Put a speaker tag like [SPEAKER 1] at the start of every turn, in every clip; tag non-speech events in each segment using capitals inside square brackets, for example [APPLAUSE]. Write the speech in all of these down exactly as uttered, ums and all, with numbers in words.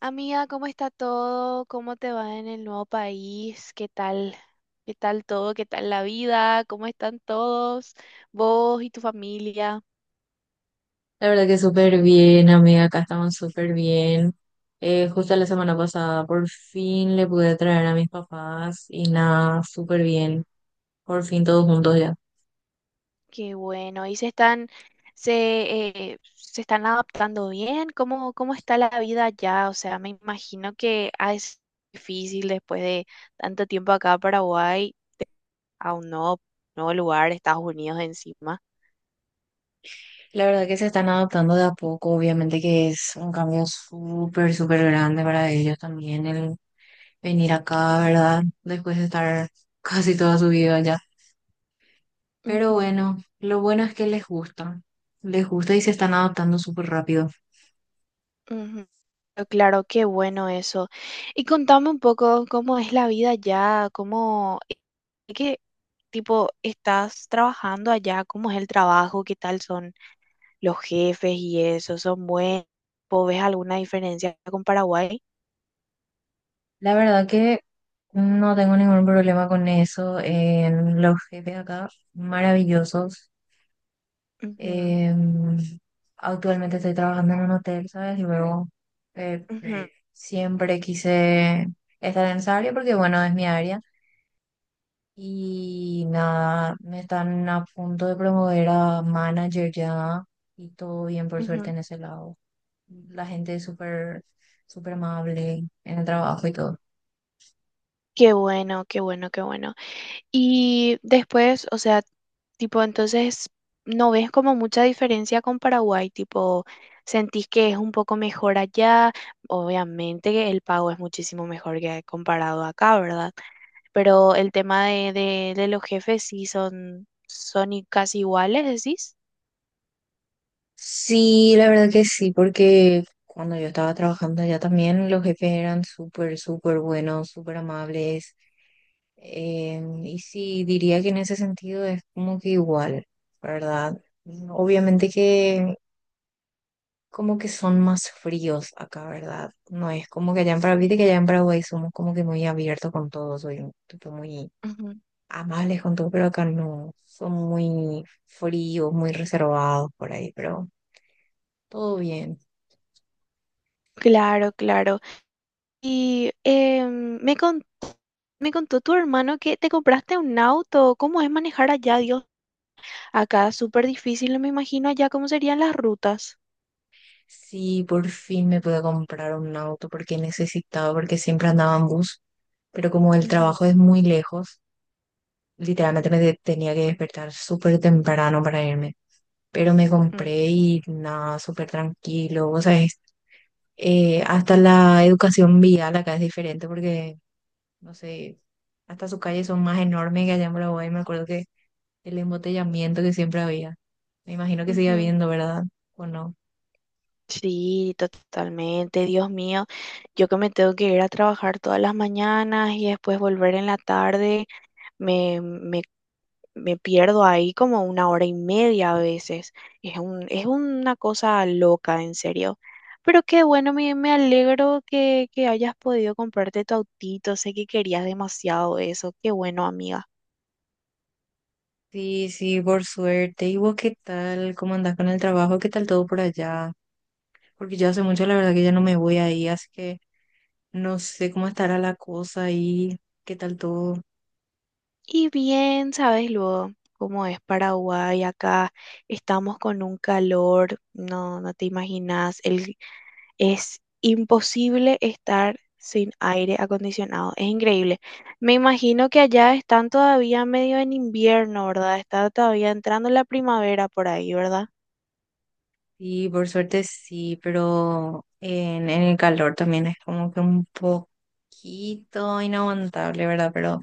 [SPEAKER 1] Amiga, ¿cómo está todo? ¿Cómo te va en el nuevo país? ¿Qué tal? ¿Qué tal todo? ¿Qué tal la vida? ¿Cómo están todos? Vos y tu familia.
[SPEAKER 2] La verdad que súper bien, amiga, acá estamos súper bien. Eh, justo la semana pasada por fin le pude traer a mis papás y nada, súper bien, por fin todos juntos ya.
[SPEAKER 1] Qué bueno. ¿Y se están, se, eh, se están adaptando bien? ¿Cómo, ¿cómo está la vida allá? O sea, me imagino que ah, es difícil después de tanto tiempo acá en Paraguay a un nuevo, nuevo lugar, Estados Unidos encima.
[SPEAKER 2] La verdad que se están adaptando de a poco, obviamente que es un cambio súper, súper grande para ellos también el venir acá, ¿verdad? Después de estar [LAUGHS] casi toda su vida allá. Pero
[SPEAKER 1] Ujú,
[SPEAKER 2] bueno, lo bueno es que les gusta, les gusta y se están adaptando súper rápido.
[SPEAKER 1] ujú. Pero claro, qué bueno eso. Y contame un poco cómo es la vida allá, cómo, eh, qué tipo estás trabajando allá, cómo es el trabajo, qué tal son los jefes y eso, son buenos. ¿Vos ves alguna diferencia con Paraguay?
[SPEAKER 2] La verdad que no tengo ningún problema con eso en los jefes acá, maravillosos.
[SPEAKER 1] Ujú,
[SPEAKER 2] Em, Actualmente estoy trabajando en un hotel, ¿sabes? Y luego eh,
[SPEAKER 1] ujú,
[SPEAKER 2] siempre quise estar en esa área porque, bueno, es mi área. Y nada, me están a punto de promover a manager ya y todo bien, por suerte,
[SPEAKER 1] ujú.
[SPEAKER 2] en ese lado. La gente es súper, súper amable en el trabajo y todo.
[SPEAKER 1] Qué bueno, qué bueno, qué bueno. Y después, o sea, tipo, entonces, ¿no ves como mucha diferencia con Paraguay? Tipo, ¿sentís que es un poco mejor allá? Obviamente que el pago es muchísimo mejor que comparado acá, ¿verdad? Pero el tema de, de, de los jefes sí son, son i- casi iguales, decís.
[SPEAKER 2] Sí, la verdad que sí, porque cuando yo estaba trabajando allá también los jefes eran súper, súper buenos, súper amables. Eh, y sí, diría que en ese sentido es como que igual, ¿verdad? Obviamente que como que son más fríos acá, ¿verdad? No es como que allá en Paraguay, viste que allá en Paraguay somos como que muy abiertos con todos, soy un tipo muy
[SPEAKER 1] Ujú.
[SPEAKER 2] amables con todo, pero acá no, son muy fríos, muy reservados por ahí, pero todo bien.
[SPEAKER 1] Claro, claro. Y em, me, con- me contó tu hermano que te compraste un auto. ¿Cómo es manejar allá, Dios? Acá es súper difícil, me imagino allá cómo serían las rutas.
[SPEAKER 2] Sí, por fin me pude comprar un auto porque necesitaba, porque siempre andaba en bus, pero como el
[SPEAKER 1] Ujú,
[SPEAKER 2] trabajo es muy lejos, literalmente me de- tenía que despertar súper temprano para irme. Pero me
[SPEAKER 1] mm,
[SPEAKER 2] compré y nada, súper tranquilo, o sea, es- eh, hasta la educación vial acá es diferente porque, no sé, hasta sus calles son más enormes que allá en Paraguay. Me acuerdo que el embotellamiento que siempre había, me imagino que sigue
[SPEAKER 1] ujú.
[SPEAKER 2] habiendo, ¿verdad? ¿O no?
[SPEAKER 1] Sí, totalmente, Dios mío. Yo que me tengo que ir a trabajar todas las mañanas y después volver en la tarde, me, me me pierdo ahí como una hora y media a veces. Es un, es una cosa loca, en serio. Pero qué bueno, me, me alegro que, que hayas podido comprarte tu autito. Sé que querías demasiado eso. Qué bueno, amiga.
[SPEAKER 2] Sí, sí, por suerte. ¿Y vos qué tal? ¿Cómo andás con el trabajo? ¿Qué tal todo por allá? Porque yo hace mucho, la verdad, que ya no me voy ahí, así que no sé cómo estará la cosa ahí. ¿Qué tal todo?
[SPEAKER 1] Y bien, sabes luego cómo es Paraguay acá. Estamos con un calor, no, no te imaginas. El, Es imposible estar sin aire acondicionado. Es increíble. Me imagino que allá están todavía medio en invierno, ¿verdad? Está todavía entrando la primavera por ahí, ¿verdad?
[SPEAKER 2] Sí, por suerte sí, pero en, en el calor también es como que un poquito inaguantable, ¿verdad? Pero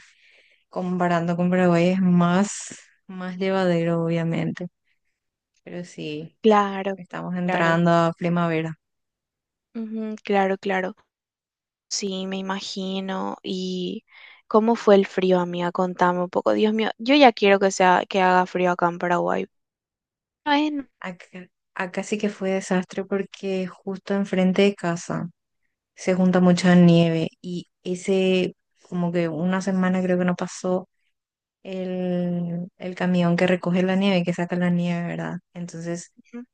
[SPEAKER 2] comparando con Paraguay es más, más llevadero, obviamente. Pero sí,
[SPEAKER 1] Claro,
[SPEAKER 2] estamos
[SPEAKER 1] claro.
[SPEAKER 2] entrando a primavera.
[SPEAKER 1] Ujú, claro, claro. Sí, me imagino. ¿Y cómo fue el frío, amiga? Contame un poco. Dios mío, yo ya quiero que sea que haga frío acá en Paraguay. Ay, no.
[SPEAKER 2] Acá, acá sí que fue desastre porque justo enfrente de casa se junta mucha nieve y ese, como que una semana creo que no pasó el, el camión que recoge la nieve, que saca la nieve, ¿verdad? Entonces
[SPEAKER 1] Ujú,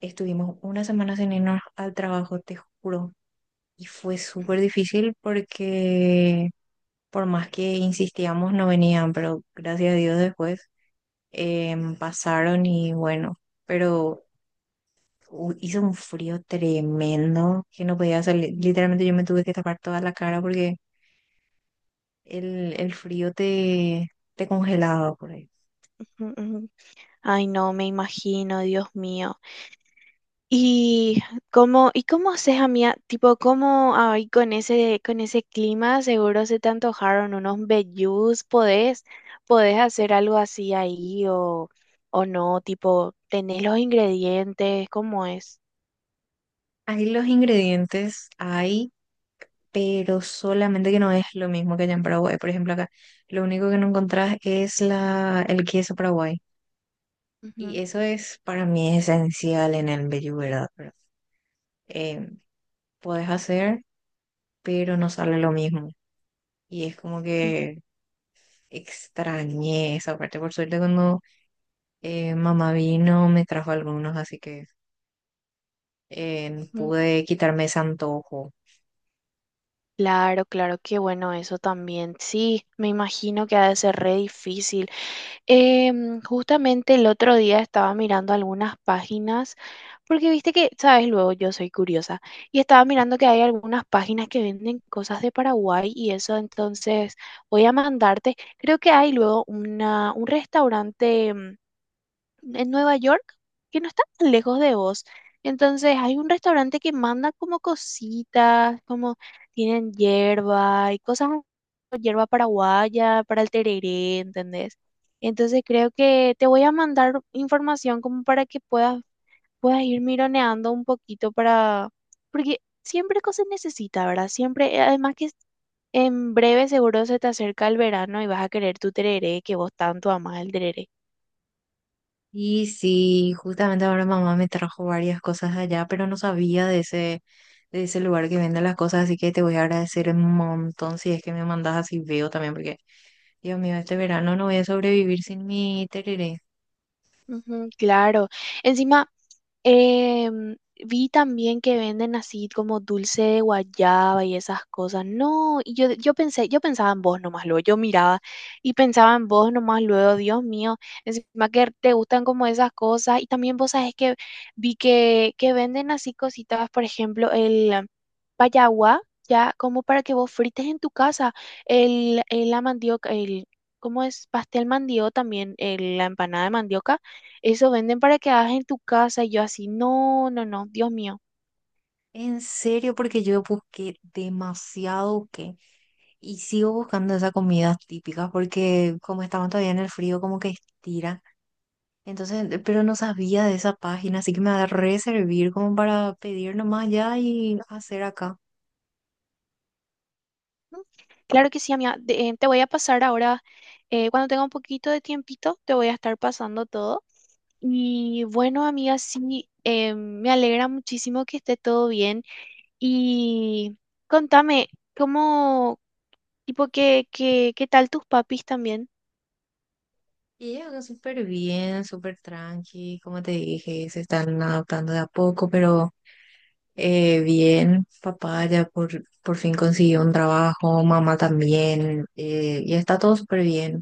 [SPEAKER 2] estuvimos una semana sin irnos al trabajo, te juro, y fue súper difícil porque por más que insistíamos no venían, pero gracias a Dios después em, pasaron y bueno, pero... u- hizo un frío tremendo que no podía salir. Literalmente yo me tuve que tapar toda la cara porque el, el frío te, te congelaba por ahí.
[SPEAKER 1] ujú. Ay, no, me imagino, Dios mío. ¿Y cómo, y cómo haces, amiga? Tipo, ¿cómo ahí con ese, con ese clima seguro se te antojaron unos vellús? ¿Podés, podés hacer algo así ahí o, o no? Tipo, ¿tenés los ingredientes? ¿Cómo es?
[SPEAKER 2] Ahí los ingredientes hay, pero solamente que no es lo mismo que allá en Paraguay. Por ejemplo, acá lo único que no encontrás es la, el queso Paraguay.
[SPEAKER 1] Ujú,
[SPEAKER 2] Y eso es para mí esencial en el Bellu, ¿verdad? Pero, eh, puedes hacer, pero no sale lo mismo. Y es como que extrañé esa parte. Por suerte, cuando Eh, mamá vino, me trajo algunos, así que eh,
[SPEAKER 1] ujú.
[SPEAKER 2] pude quitarme ese antojo.
[SPEAKER 1] Claro, claro, qué bueno eso también. Sí, me imagino que ha de ser re difícil. Em, justamente el otro día estaba mirando algunas páginas, porque viste que, sabes, luego yo soy curiosa, y estaba mirando que hay algunas páginas que venden cosas de Paraguay y eso, entonces voy a mandarte, creo que hay luego una, un restaurante, mm, en Nueva York, que no está tan lejos de vos. Entonces hay un restaurante que manda como cositas, como tienen hierba y cosas, hierba paraguaya para el tereré, ¿entendés? Entonces creo que te voy a mandar información como para que puedas, puedas ir mironeando un poquito para, porque siempre cosas necesita, ¿verdad? Siempre, eh, además que en breve seguro se te acerca el verano y vas a querer tu tereré, que vos tanto amás el tereré.
[SPEAKER 2] Y sí, justamente ahora mamá me trajo varias cosas allá, pero no sabía de ese, de ese lugar que vende las cosas, así que te voy a agradecer un montón si es que me mandas así veo también, porque Dios mío, este verano no voy a sobrevivir sin mi tereré.
[SPEAKER 1] Ujú, claro. Encima, eh, vi también que venden así como dulce de guayaba y esas cosas. No, y yo, yo pensé, yo pensaba en vos nomás luego, yo miraba y pensaba en vos nomás luego, Dios mío, encima que te gustan como esas cosas. Y también vos sabés que vi que, que venden así cositas, por ejemplo, el payaguá, ya como para que vos frites en tu casa el, el la mandioca, el, ¿cómo es? pastel mandioca también, el- la empanada de mandioca, eso venden para que hagas en tu casa y yo así, no, no, no, Dios mío.
[SPEAKER 2] En serio, porque yo busqué demasiado, busqué. Y sigo buscando esas comidas típicas porque como estaban todavía en el frío, como que estira. Entonces, eh, pero no sabía de esa página, así que me va a reservir como para pedir nomás ya y hacer acá.
[SPEAKER 1] Mm, claro que sí, amiga. De- eh, te voy a pasar ahora, eh, cuando tenga un poquito de tiempito, te voy a estar pasando todo. Y bueno, amiga, sí, eh, me alegra muchísimo que esté todo bien. Y contame, ¿cómo, tipo, qué, qué, qué tal tus papis también?
[SPEAKER 2] Y ella acá súper bien, súper tranqui, como te dije, se están adaptando de a poco, pero eh, bien, papá ya por, por fin consiguió un trabajo, mamá también, eh, y está todo súper bien,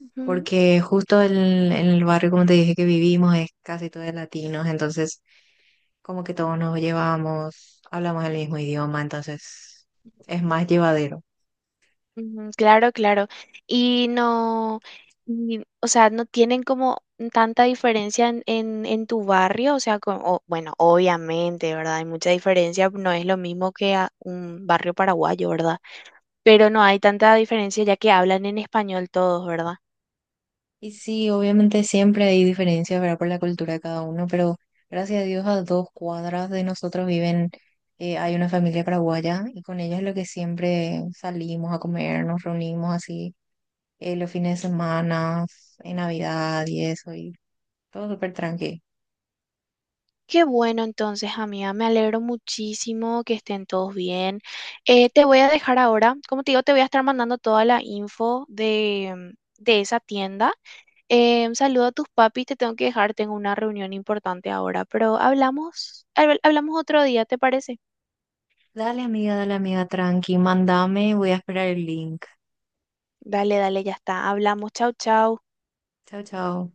[SPEAKER 1] Ujú.
[SPEAKER 2] porque justo en, en el barrio, como te dije, que vivimos es casi todo de latinos, entonces como que todos nos llevamos, hablamos el mismo idioma, entonces es más llevadero.
[SPEAKER 1] Ujú, claro, claro. Y no, y, o sea, no tienen como tanta diferencia en, en, en tu barrio, o sea, co- o- bueno, obviamente, ¿verdad? Hay mucha diferencia, no es lo mismo que a un barrio paraguayo, ¿verdad? Pero no hay tanta diferencia ya que hablan en español todos, ¿verdad?
[SPEAKER 2] Y sí, obviamente siempre hay diferencias, ¿verdad? Por la cultura de cada uno, pero gracias a Dios a dos cuadras de nosotros viven, eh, hay una familia paraguaya y con ellos es lo que siempre salimos a comer, nos reunimos así eh, los fines de semana, en Navidad y eso, y todo súper tranqui.
[SPEAKER 1] Qué bueno, entonces, amiga, me alegro muchísimo que estén todos bien. Eh, te voy a dejar ahora, como te digo, te voy a estar mandando toda la info de, de esa tienda. Eh, saludo a tus papis, te tengo que dejar, tengo una reunión importante ahora, pero hablamos, habl- hablamos otro día, ¿te parece?
[SPEAKER 2] Dale amiga, dale amiga, tranqui, mandame, voy a esperar el link.
[SPEAKER 1] Dale, dale, ya está, hablamos, chau, chau.
[SPEAKER 2] Chao, chao.